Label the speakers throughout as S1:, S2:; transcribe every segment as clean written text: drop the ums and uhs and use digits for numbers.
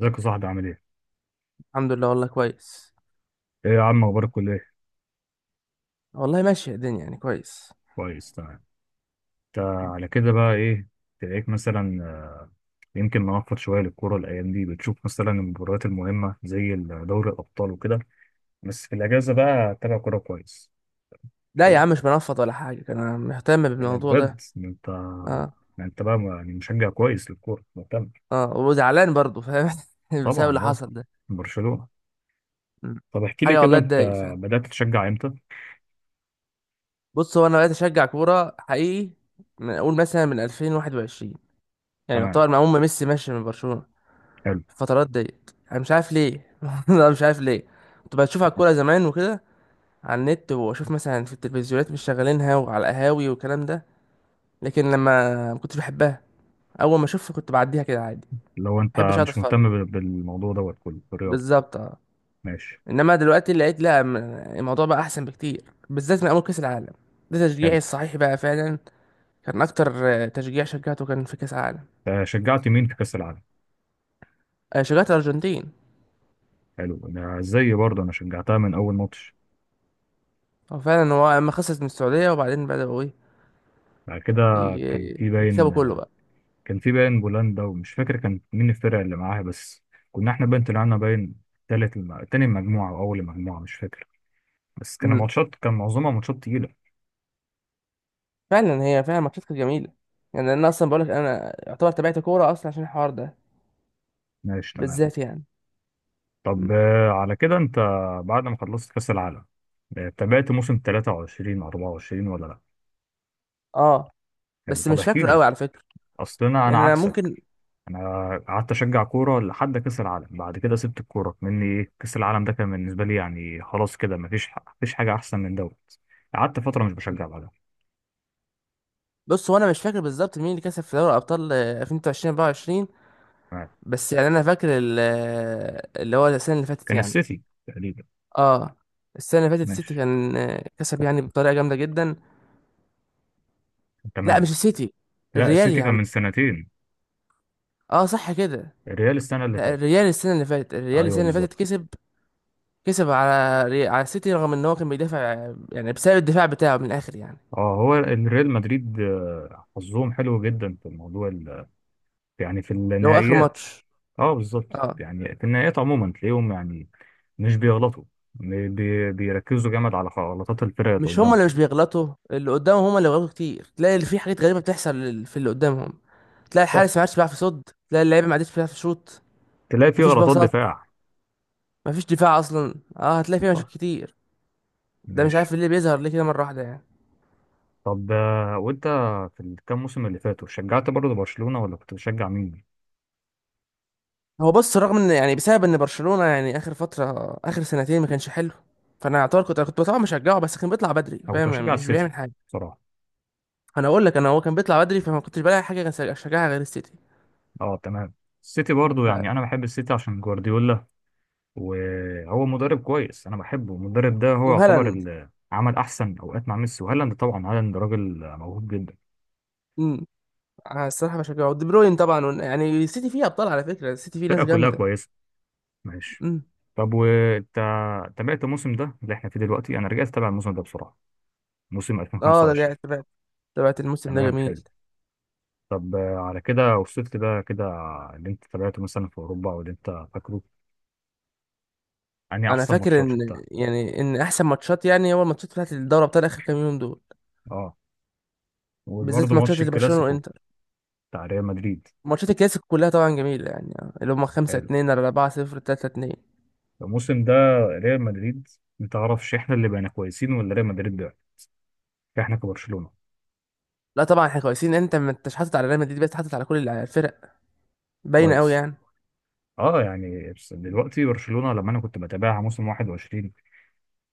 S1: ازيك يا صاحبي، عامل ايه؟
S2: الحمد لله، والله كويس.
S1: ايه يا عم، اخبار الكلية؟
S2: والله ماشية الدنيا يعني كويس.
S1: كويس، تمام. انت على كده بقى ايه تلاقيك مثلا، يمكن نوفر شوية للكورة الأيام دي بتشوف مثلا المباريات المهمة زي دوري الأبطال وكده؟ بس في الأجازة بقى تتابع كورة كويس. مش
S2: لا يا
S1: كده؟
S2: عم، مش بنفض ولا حاجة، كان انا مهتم
S1: ايه ده
S2: بالموضوع
S1: بجد،
S2: ده.
S1: ده انت.
S2: اه.
S1: ده انت بقى يعني مشجع كويس للكورة، مهتم.
S2: اه وزعلان برضه، فاهم. بسبب
S1: طبعا
S2: اللي
S1: اه.
S2: حصل ده.
S1: برشلونة.
S2: م.
S1: طب احكي لي
S2: حاجة
S1: كده
S2: والله
S1: انت،
S2: تضايق فعلا.
S1: بدأت تشجع امتى؟
S2: بص، هو انا بقيت اشجع كورة حقيقي من اقول مثلا من 2021، يعني
S1: تمام،
S2: يعتبر مع أم ميسي ماشي من برشلونة.
S1: حلو.
S2: الفترات ديت انا مش عارف ليه. انا مش عارف ليه كنت بشوف على الكورة زمان وكده، على النت واشوف مثلا في التلفزيونات مش شغالينها وعلى القهاوي والكلام ده. لكن لما ما كنتش بحبها، اول ما اشوفها كنت بعديها كده عادي.
S1: لو
S2: ما
S1: انت
S2: بحبش اقعد
S1: مش
S2: اتفرج.
S1: مهتم بالموضوع دوت كله، بالرياضة.
S2: بالظبط، اه.
S1: ماشي.
S2: انما دلوقتي لقيت لا الموضوع بقى احسن بكتير، بالذات من اول كاس العالم. ده
S1: حلو.
S2: تشجيعي الصحيح بقى فعلا. كان اكتر. تشجيع شجعته كان في كاس العالم.
S1: شجعت مين في كأس العالم؟
S2: شجعت الارجنتين.
S1: حلو، انا زي برضه انا شجعتها من اول ماتش.
S2: هو فعلا اما خسرت من السعوديه وبعدين بداوا ايه،
S1: بعد كده. كان في باين
S2: يكسبوا كله بقى.
S1: كان في باين بولندا ومش فاكر كان مين الفرق اللي معاها بس. كنا احنا باين طلعنا باين. تاني المجموعة او اول المجموعة، مش فاكر. بس كان
S2: امم،
S1: ماتشات، كان معظمها ماتشات تقيلة.
S2: فعلا، هي فعلا ماتشات كانت جميله. يعني انا اصلا بقولك انا يعتبر تابعت كوره اصلا عشان الحوار ده،
S1: ماشي، تمام.
S2: بالذات يعني.
S1: طب
S2: مم.
S1: على كده انت بعد ما خلصت كأس العالم، تابعت موسم 23 24 ولا لا؟
S2: اه.
S1: حلو،
S2: بس
S1: طب
S2: مش
S1: احكي
S2: فاكره
S1: لي.
S2: قوي على فكره.
S1: اصل انا
S2: يعني انا
S1: عكسك.
S2: ممكن.
S1: انا قعدت اشجع كوره لحد كاس العالم، بعد كده سبت الكوره. كمني ايه، كاس العالم ده كان بالنسبه لي يعني خلاص، كده مفيش. مفيش حاجه احسن من دوت. قعدت فتره مش بشجع بعدها.
S2: بص، هو انا مش فاكر بالظبط مين اللي كسب في دوري ابطال 2023-24.
S1: تمام.
S2: بس يعني انا فاكر اللي هو السنه اللي فاتت
S1: كان
S2: يعني.
S1: السيتي تقريبا.
S2: اه، السنه اللي فاتت السيتي
S1: ماشي،
S2: كان كسب يعني بطريقه جامده جدا. لا،
S1: تمام.
S2: مش السيتي،
S1: لا،
S2: الريال
S1: السيتي
S2: يا
S1: كان
S2: عم.
S1: من سنتين.
S2: اه صح كده.
S1: الريال السنه اللي
S2: لا،
S1: فاتت.
S2: الريال السنه اللي فاتت، الريال
S1: ايوه
S2: السنه اللي فاتت
S1: بالظبط.
S2: كسب، كسب على على السيتي، رغم ان هو كان بيدافع، يعني بسبب الدفاع بتاعه من الاخر يعني،
S1: اه، هو الريال مدريد حظهم حلو جدا في الموضوع يعني في
S2: اللي هو اخر
S1: النهائيات.
S2: ماتش.
S1: اه بالظبط،
S2: اه،
S1: يعني في النهائيات عموما تلاقيهم يعني مش بيغلطوا. بيركزوا جامد على غلطات الفرق اللي
S2: مش هما اللي مش
S1: قدامهم.
S2: بيغلطوا، اللي قدامهم هما اللي بيغلطوا كتير. تلاقي اللي في حاجات غريبه بتحصل في اللي قدامهم. تلاقي
S1: صح.
S2: الحارس ما عادش بيعرف يصد، تلاقي اللعيبه ما عادش بيعرف يشوط،
S1: تلاقي فيه
S2: مفيش
S1: غلطات
S2: باصات،
S1: دفاع.
S2: مفيش دفاع اصلا. اه، هتلاقي فيه مشاكل
S1: صح.
S2: كتير. ده مش
S1: ماشي،
S2: عارف ليه بيظهر ليه كده مره واحده يعني.
S1: طب وانت في الكام موسم اللي فاتوا شجعت برضه برشلونة ولا كنت بتشجع مين؟
S2: هو بص، رغم ان يعني بسبب ان برشلونه يعني اخر فتره اخر سنتين ما كانش حلو، فانا اعتبر كنت طبعا مشجعه، بس كان بيطلع بدري
S1: انا كنت
S2: فاهم يعني،
S1: بشجع
S2: مش
S1: السيتي
S2: بيعمل حاجه.
S1: بصراحة.
S2: انا اقول لك، انا هو كان بيطلع بدري فما كنتش بلاقي حاجه كان اشجعها غير السيتي.
S1: اه تمام. السيتي برضه،
S2: ف...
S1: يعني انا بحب السيتي عشان جوارديولا. وهو مدرب كويس، انا بحبه المدرب ده، هو يعتبر
S2: وهالاند.
S1: اللي عمل احسن اوقات مع ميسي وهالاند. طبعا هالاند راجل موهوب جدا.
S2: امم. الصراحه بشجعه ودي بروين طبعا، يعني السيتي فيه ابطال على فكره، السيتي فيه
S1: الفرقة
S2: ناس
S1: كلها
S2: جامده.
S1: كويسة. ماشي.
S2: امم.
S1: طب وانت تابعت الموسم ده اللي احنا فيه دلوقتي؟ انا رجعت اتابع الموسم ده بسرعة، موسم
S2: اه ده جاي
S1: 2025.
S2: تبعت، تبعت الموسم ده
S1: تمام،
S2: جميل.
S1: حلو. طب على كده وصلت كده كده اللي انت تابعته مثلا في اوروبا او اللي انت فاكره، يعني
S2: انا
S1: احسن
S2: فاكر
S1: ماتشات
S2: ان
S1: شفتها.
S2: يعني ان احسن ماتشات يعني هو الماتشات بتاعت الدوري بتاع اخر كام يوم دول،
S1: اه، وبرضه
S2: بالذات ماتشات
S1: ماتش
S2: اللي برشلونه
S1: الكلاسيكو
S2: وانتر،
S1: بتاع ريال مدريد.
S2: ماتشات الكلاسيكو كلها طبعا جميله يعني، اللي هم 5
S1: حلو.
S2: 2 4-0 3-2.
S1: الموسم ده ريال مدريد، ما تعرفش احنا اللي بقينا كويسين ولا ريال مدريد بقى؟ احنا كبرشلونة.
S2: لا طبعا احنا كويسين، انت ما انتش حاطط على ريال مدريد بس، حاطط على كل الفرق، باينه قوي
S1: كويس.
S2: يعني.
S1: اه يعني، بس دلوقتي برشلونة لما انا كنت بتابعها موسم 21،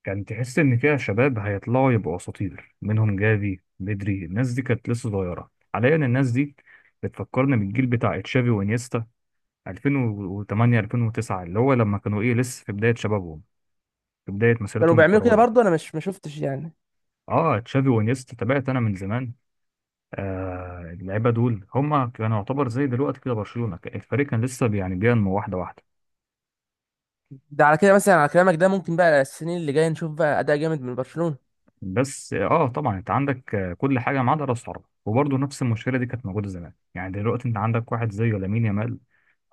S1: كان تحس ان فيها شباب هيطلعوا يبقوا اساطير منهم جافي، بدري، الناس دي كانت لسه صغيرة، حاليا الناس دي بتفكرني بالجيل بتاع تشافي وانيستا 2008 2009، اللي هو لما كانوا ايه لسه في بداية شبابهم، في بداية
S2: كانوا
S1: مسيرتهم
S2: بيعملوا كده
S1: الكروية.
S2: برضه، انا مش ما شفتش يعني.
S1: اه، تشافي وانيستا تابعت انا من زمان. اللعيبة دول هم كانوا يعتبر زي دلوقتي كده برشلونة، الفريق كان لسه يعني بينمو واحدة واحدة.
S2: ده على كده مثلا، على كلامك ده ممكن بقى السنين اللي جايه نشوف بقى اداء جامد من برشلونه.
S1: بس اه، طبعا انت عندك كل حاجة ما عدا راس حربة. وبرضه نفس المشكلة دي كانت موجودة زمان. يعني دلوقتي انت عندك واحد زي لامين يامال،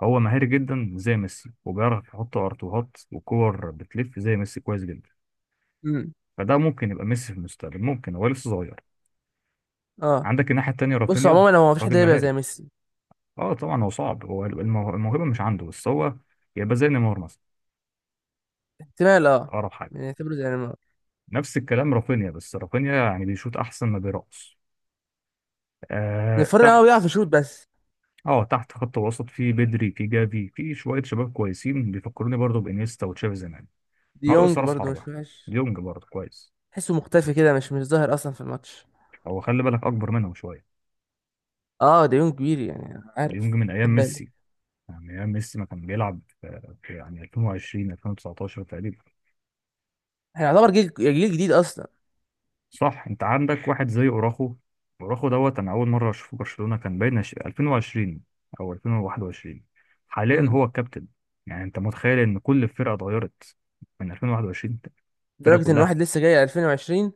S1: هو مهاري جدا زي ميسي وبيعرف يحط ارتوهات وكور بتلف زي ميسي كويس جدا.
S2: امم.
S1: فده ممكن يبقى ميسي في المستقبل، ممكن، هو لسه صغير.
S2: اه.
S1: عندك الناحية التانية
S2: بص
S1: رافينيا،
S2: عموما، هو مفيش حد
S1: راجل
S2: يبقى زي
S1: مهاري.
S2: ميسي.
S1: اه طبعا، هو صعب، هو الموهبة مش عنده، بس هو يبقى زي نيمار مثلا.
S2: احتمال اه.
S1: أقرب حاجة.
S2: يعني نعتبره زي نيمار.
S1: نفس الكلام رافينيا، بس رافينيا يعني بيشوط أحسن ما بيرقص. آه
S2: نفرق، هو
S1: تحت.
S2: بيعرف يشوط بس.
S1: اه تحت، خط وسط في بدري، في جافي، في شوية شباب كويسين بيفكروني برضه بإنيستا وتشافي زمان. ناقص
S2: ديونج
S1: راس
S2: برضه
S1: حربة.
S2: مش وحش.
S1: ديونج برضه كويس.
S2: تحسه مختفي كده، مش ظاهر اصلا في الماتش.
S1: هو خلي بالك أكبر منهم شوية.
S2: اه ديونج كبير يعني،
S1: ديونج
S2: عارف،
S1: من أيام
S2: خد بالي.
S1: ميسي، يعني أيام ميسي ما كان بيلعب في يعني 2020 2019 تقريبا.
S2: احنا يعتبر جيل جديد اصلا.
S1: صح، انت عندك واحد زي اوراخو. اوراخو دوت انا اول مره اشوفه برشلونه كان باين 2020 او 2021. حاليا
S2: امم.
S1: هو الكابتن. يعني انت متخيل ان كل الفرقه اتغيرت من 2021؟ الفرقه
S2: لدرجه ان
S1: كلها،
S2: واحد لسه جاي 2020،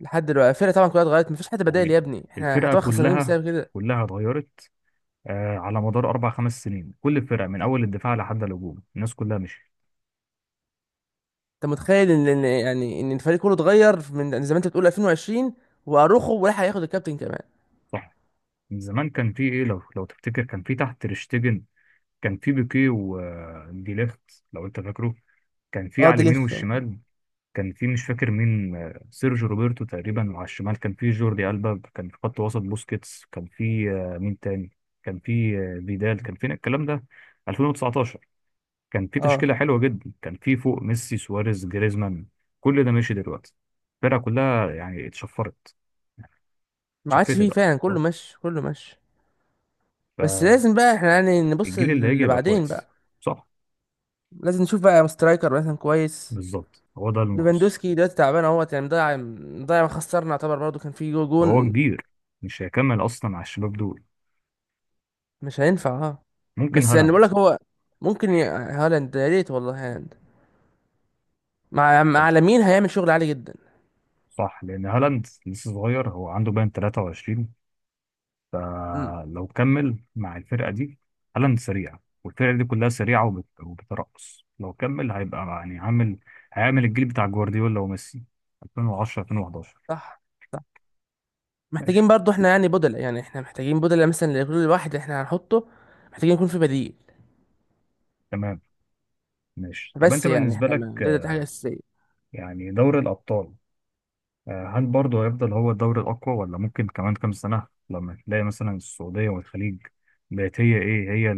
S2: لحد دلوقتي الفرقه طبعا كلها اتغيرت، مفيش حد بدائل يا
S1: يعني
S2: ابني، احنا
S1: الفرقه
S2: هتبقى خسرانين
S1: كلها
S2: بسبب كده.
S1: كلها اتغيرت. آه، على مدار اربع خمس سنين كل الفرقه من اول الدفاع لحد الهجوم الناس كلها مشيت.
S2: انت متخيل ان يعني ان الفريق كله اتغير من زي ما انت بتقول 2020، واروخو ولا هياخد الكابتن كمان.
S1: صح. من زمان كان في ايه، لو تفتكر، كان في تحت تريشتجن. كان في بيكيه وديليخت، لو انت فاكره. كان في
S2: اه،
S1: على
S2: دي
S1: اليمين
S2: ليخت.
S1: والشمال. كان في مش فاكر مين، سيرجيو روبرتو تقريبا. وعلى الشمال كان في جوردي ألبا. كان في خط وسط بوسكيتس. كان في مين تاني؟ كان في فيدال، كان في الكلام ده 2019. كان في
S2: اه
S1: تشكيلة حلوة جدا، كان في فوق ميسي، سواريز، جريزمان. كل ده ماشي دلوقتي. الفرقة كلها يعني
S2: ما عادش
S1: اتشفتت،
S2: فيه
S1: أقصد
S2: فعلا، كله
S1: آه.
S2: ماشي كله ماشي. بس لازم بقى احنا يعني نبص
S1: فالجيل اللي هيجي
S2: اللي
S1: يبقى
S2: بعدين
S1: كويس.
S2: بقى،
S1: صح.
S2: لازم نشوف بقى سترايكر مثلا كويس.
S1: بالظبط، هو ده اللي ناقص.
S2: ليفاندوسكي دلوقتي تعبان اهوت يعني، مضيع مضيع. ما خسرنا يعتبر برضه، كان في
S1: هو
S2: جون.
S1: كبير، مش هيكمل أصلا على الشباب دول.
S2: مش هينفع اه.
S1: ممكن
S2: بس يعني بقول
S1: هالاند.
S2: لك هو ممكن هالاند، يا ريت والله هالاند مع لامين هيعمل شغل عالي جدا.
S1: صح، لان هالاند لسه صغير، هو عنده باين 23،
S2: امم
S1: فلو كمل مع الفرقه دي، هالاند سريع والفرقه دي كلها سريعه وبترقص، لو كمل هيبقى يعني عامل. هيعمل الجيل بتاع جوارديولا وميسي 2010 2011.
S2: صح. محتاجين
S1: ماشي،
S2: برضو احنا يعني بدلة، يعني احنا محتاجين بدلة مثلا لكل واحد احنا هنحطه، محتاجين يكون في بديل.
S1: تمام. ماشي، طب
S2: بس
S1: انت
S2: يعني
S1: بالنسبه
S2: احنا ما
S1: لك
S2: ده حاجة أساسية.
S1: يعني دوري الابطال، هل برضه هيفضل هو الدوري الاقوى، ولا ممكن كمان كام سنه لما تلاقي مثلا السعوديه والخليج بقت هي ايه، هي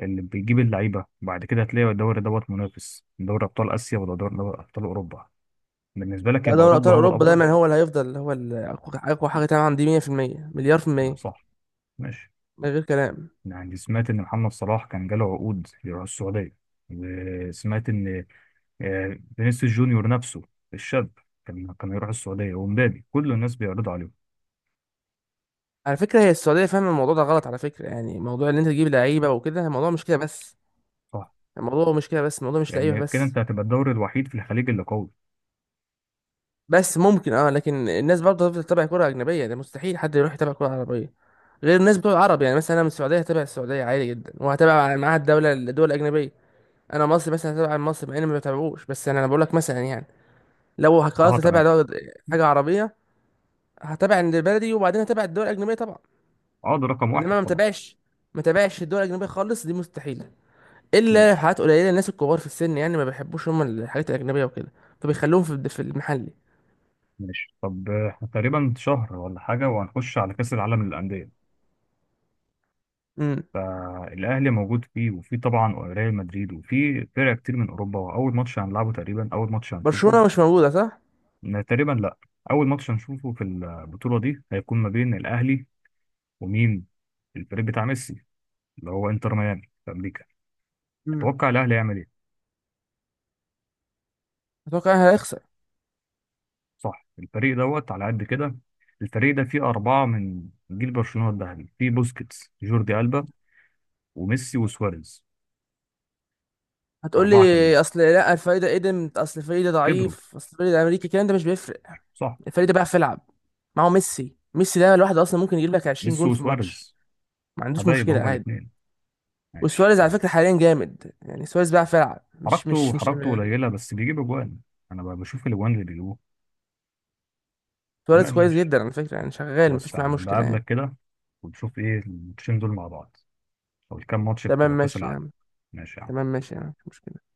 S1: اللي بيجيب اللعيبه، وبعد كده هتلاقي الدوري دوت منافس دوري ابطال اسيا ولا دوري دوري ابطال اوروبا؟ بالنسبه لك
S2: لا،
S1: يبقى
S2: دوري
S1: اوروبا
S2: أبطال
S1: هو
S2: أوروبا
S1: الافضل.
S2: دايما هو اللي هيفضل هو أقوى، أقوى حاجة طبعا، دي 100% مليار في
S1: لا
S2: المية،
S1: صح. ماشي.
S2: من غير كلام.
S1: يعني سمعت ان محمد صلاح كان جاله عقود يروح السعوديه. وسمعت ان فينيسيوس جونيور نفسه الشاب كان يروح السعوديه، ومبابي، كل الناس بيعرضوا عليهم.
S2: على فكرة هي السعودية فاهمة الموضوع ده غلط، على فكرة. يعني موضوع إن أنت تجيب لعيبة وكده، الموضوع مش كده بس،
S1: صح،
S2: الموضوع مش كده بس، الموضوع مش لعيبة
S1: لان كده
S2: بس.
S1: انت هتبقى الدوري الوحيد في الخليج اللي قوي.
S2: بس ممكن اه، لكن الناس برضه هتفضل تتابع كرة أجنبية. ده مستحيل حد يروح يتابع كرة عربية، غير الناس بتوع العرب. يعني مثلا أنا من السعودية هتابع السعودية عادي جدا، وهتابع معاها الدول الأجنبية. أنا مصر مثلا هتابع مصر، مع إني ما بتابعوش. بس أنا بقول لك مثلا يعني، لو
S1: اه
S2: قررت أتابع
S1: تمام.
S2: حاجة عربية، هتابع اللي بلدي وبعدين هتابع الدول الأجنبية طبعا.
S1: اه ده رقم
S2: إنما
S1: واحد
S2: ما
S1: طبعا.
S2: متابعش، ما متابعش الدول الأجنبية خالص، دي مستحيلة. إلا
S1: ماشي.
S2: حالات قليلة، الناس الكبار في السن يعني ما بيحبوش هم الحاجات الأجنبية وكده، فبيخلوهم في المحلي.
S1: ماشي، طب احنا تقريبا شهر ولا حاجه وهنخش على كاس العالم للانديه.
S2: امم.
S1: فالاهلي موجود فيه، وفي طبعا ريال مدريد، وفي فرق كتير من اوروبا، واول ماتش هنلعبه تقريبا، اول ماتش هنشوفه.
S2: برشلونة مش موجودة، صح؟
S1: لا، تقريبا لا. اول ماتش هنشوفه في البطوله دي هيكون ما بين الاهلي ومين؟ الفريق بتاع ميسي، اللي هو انتر ميامي في امريكا. تتوقع الاهلي هيعمل ايه؟
S2: اتوقع انا هيخسر.
S1: صح، الفريق دوت على قد كده. الفريق ده فيه اربعه من جيل برشلونه الذهبي، فيه بوسكيتس، جوردي البا، وميسي، وسواريز.
S2: هتقول لي
S1: اربعه كاملين
S2: اصل لا، الفريق ده قدم، اصل الفريق ده
S1: كبروا.
S2: ضعيف، اصل الفريق ده امريكي، الكلام ده مش بيفرق.
S1: صح.
S2: الفريق ده بيعرف يلعب، معه ميسي. ميسي ده الواحد اصلا ممكن يجيب لك 20
S1: ميسي
S2: جون في الماتش،
S1: وسواريز
S2: ما عندوش
S1: حبايب
S2: مشكله
S1: هما
S2: عادي.
S1: الاثنين. ماشي،
S2: وسواريز على
S1: تمام.
S2: فكره حاليا جامد يعني، سواريز بيعرف يلعب، مش
S1: حركته
S2: مش
S1: حركته
S2: يعني.
S1: قليله بس بيجيب اجوان. انا بشوف الاجوان اللي بيجيبوه.
S2: سواريز
S1: تمام،
S2: كويس
S1: ماشي.
S2: جدا على فكره يعني، شغال
S1: بص يا
S2: مفيش معاه
S1: عم
S2: مشكله يعني.
S1: بقابلك كده، وتشوف ايه الماتشين دول مع بعض، او الكام ماتش
S2: تمام
S1: بتوع كاس
S2: ماشي يا
S1: العالم.
S2: عم.
S1: ماشي يا
S2: تمام
S1: عم.
S2: ماشي يا عم، مش مشكله.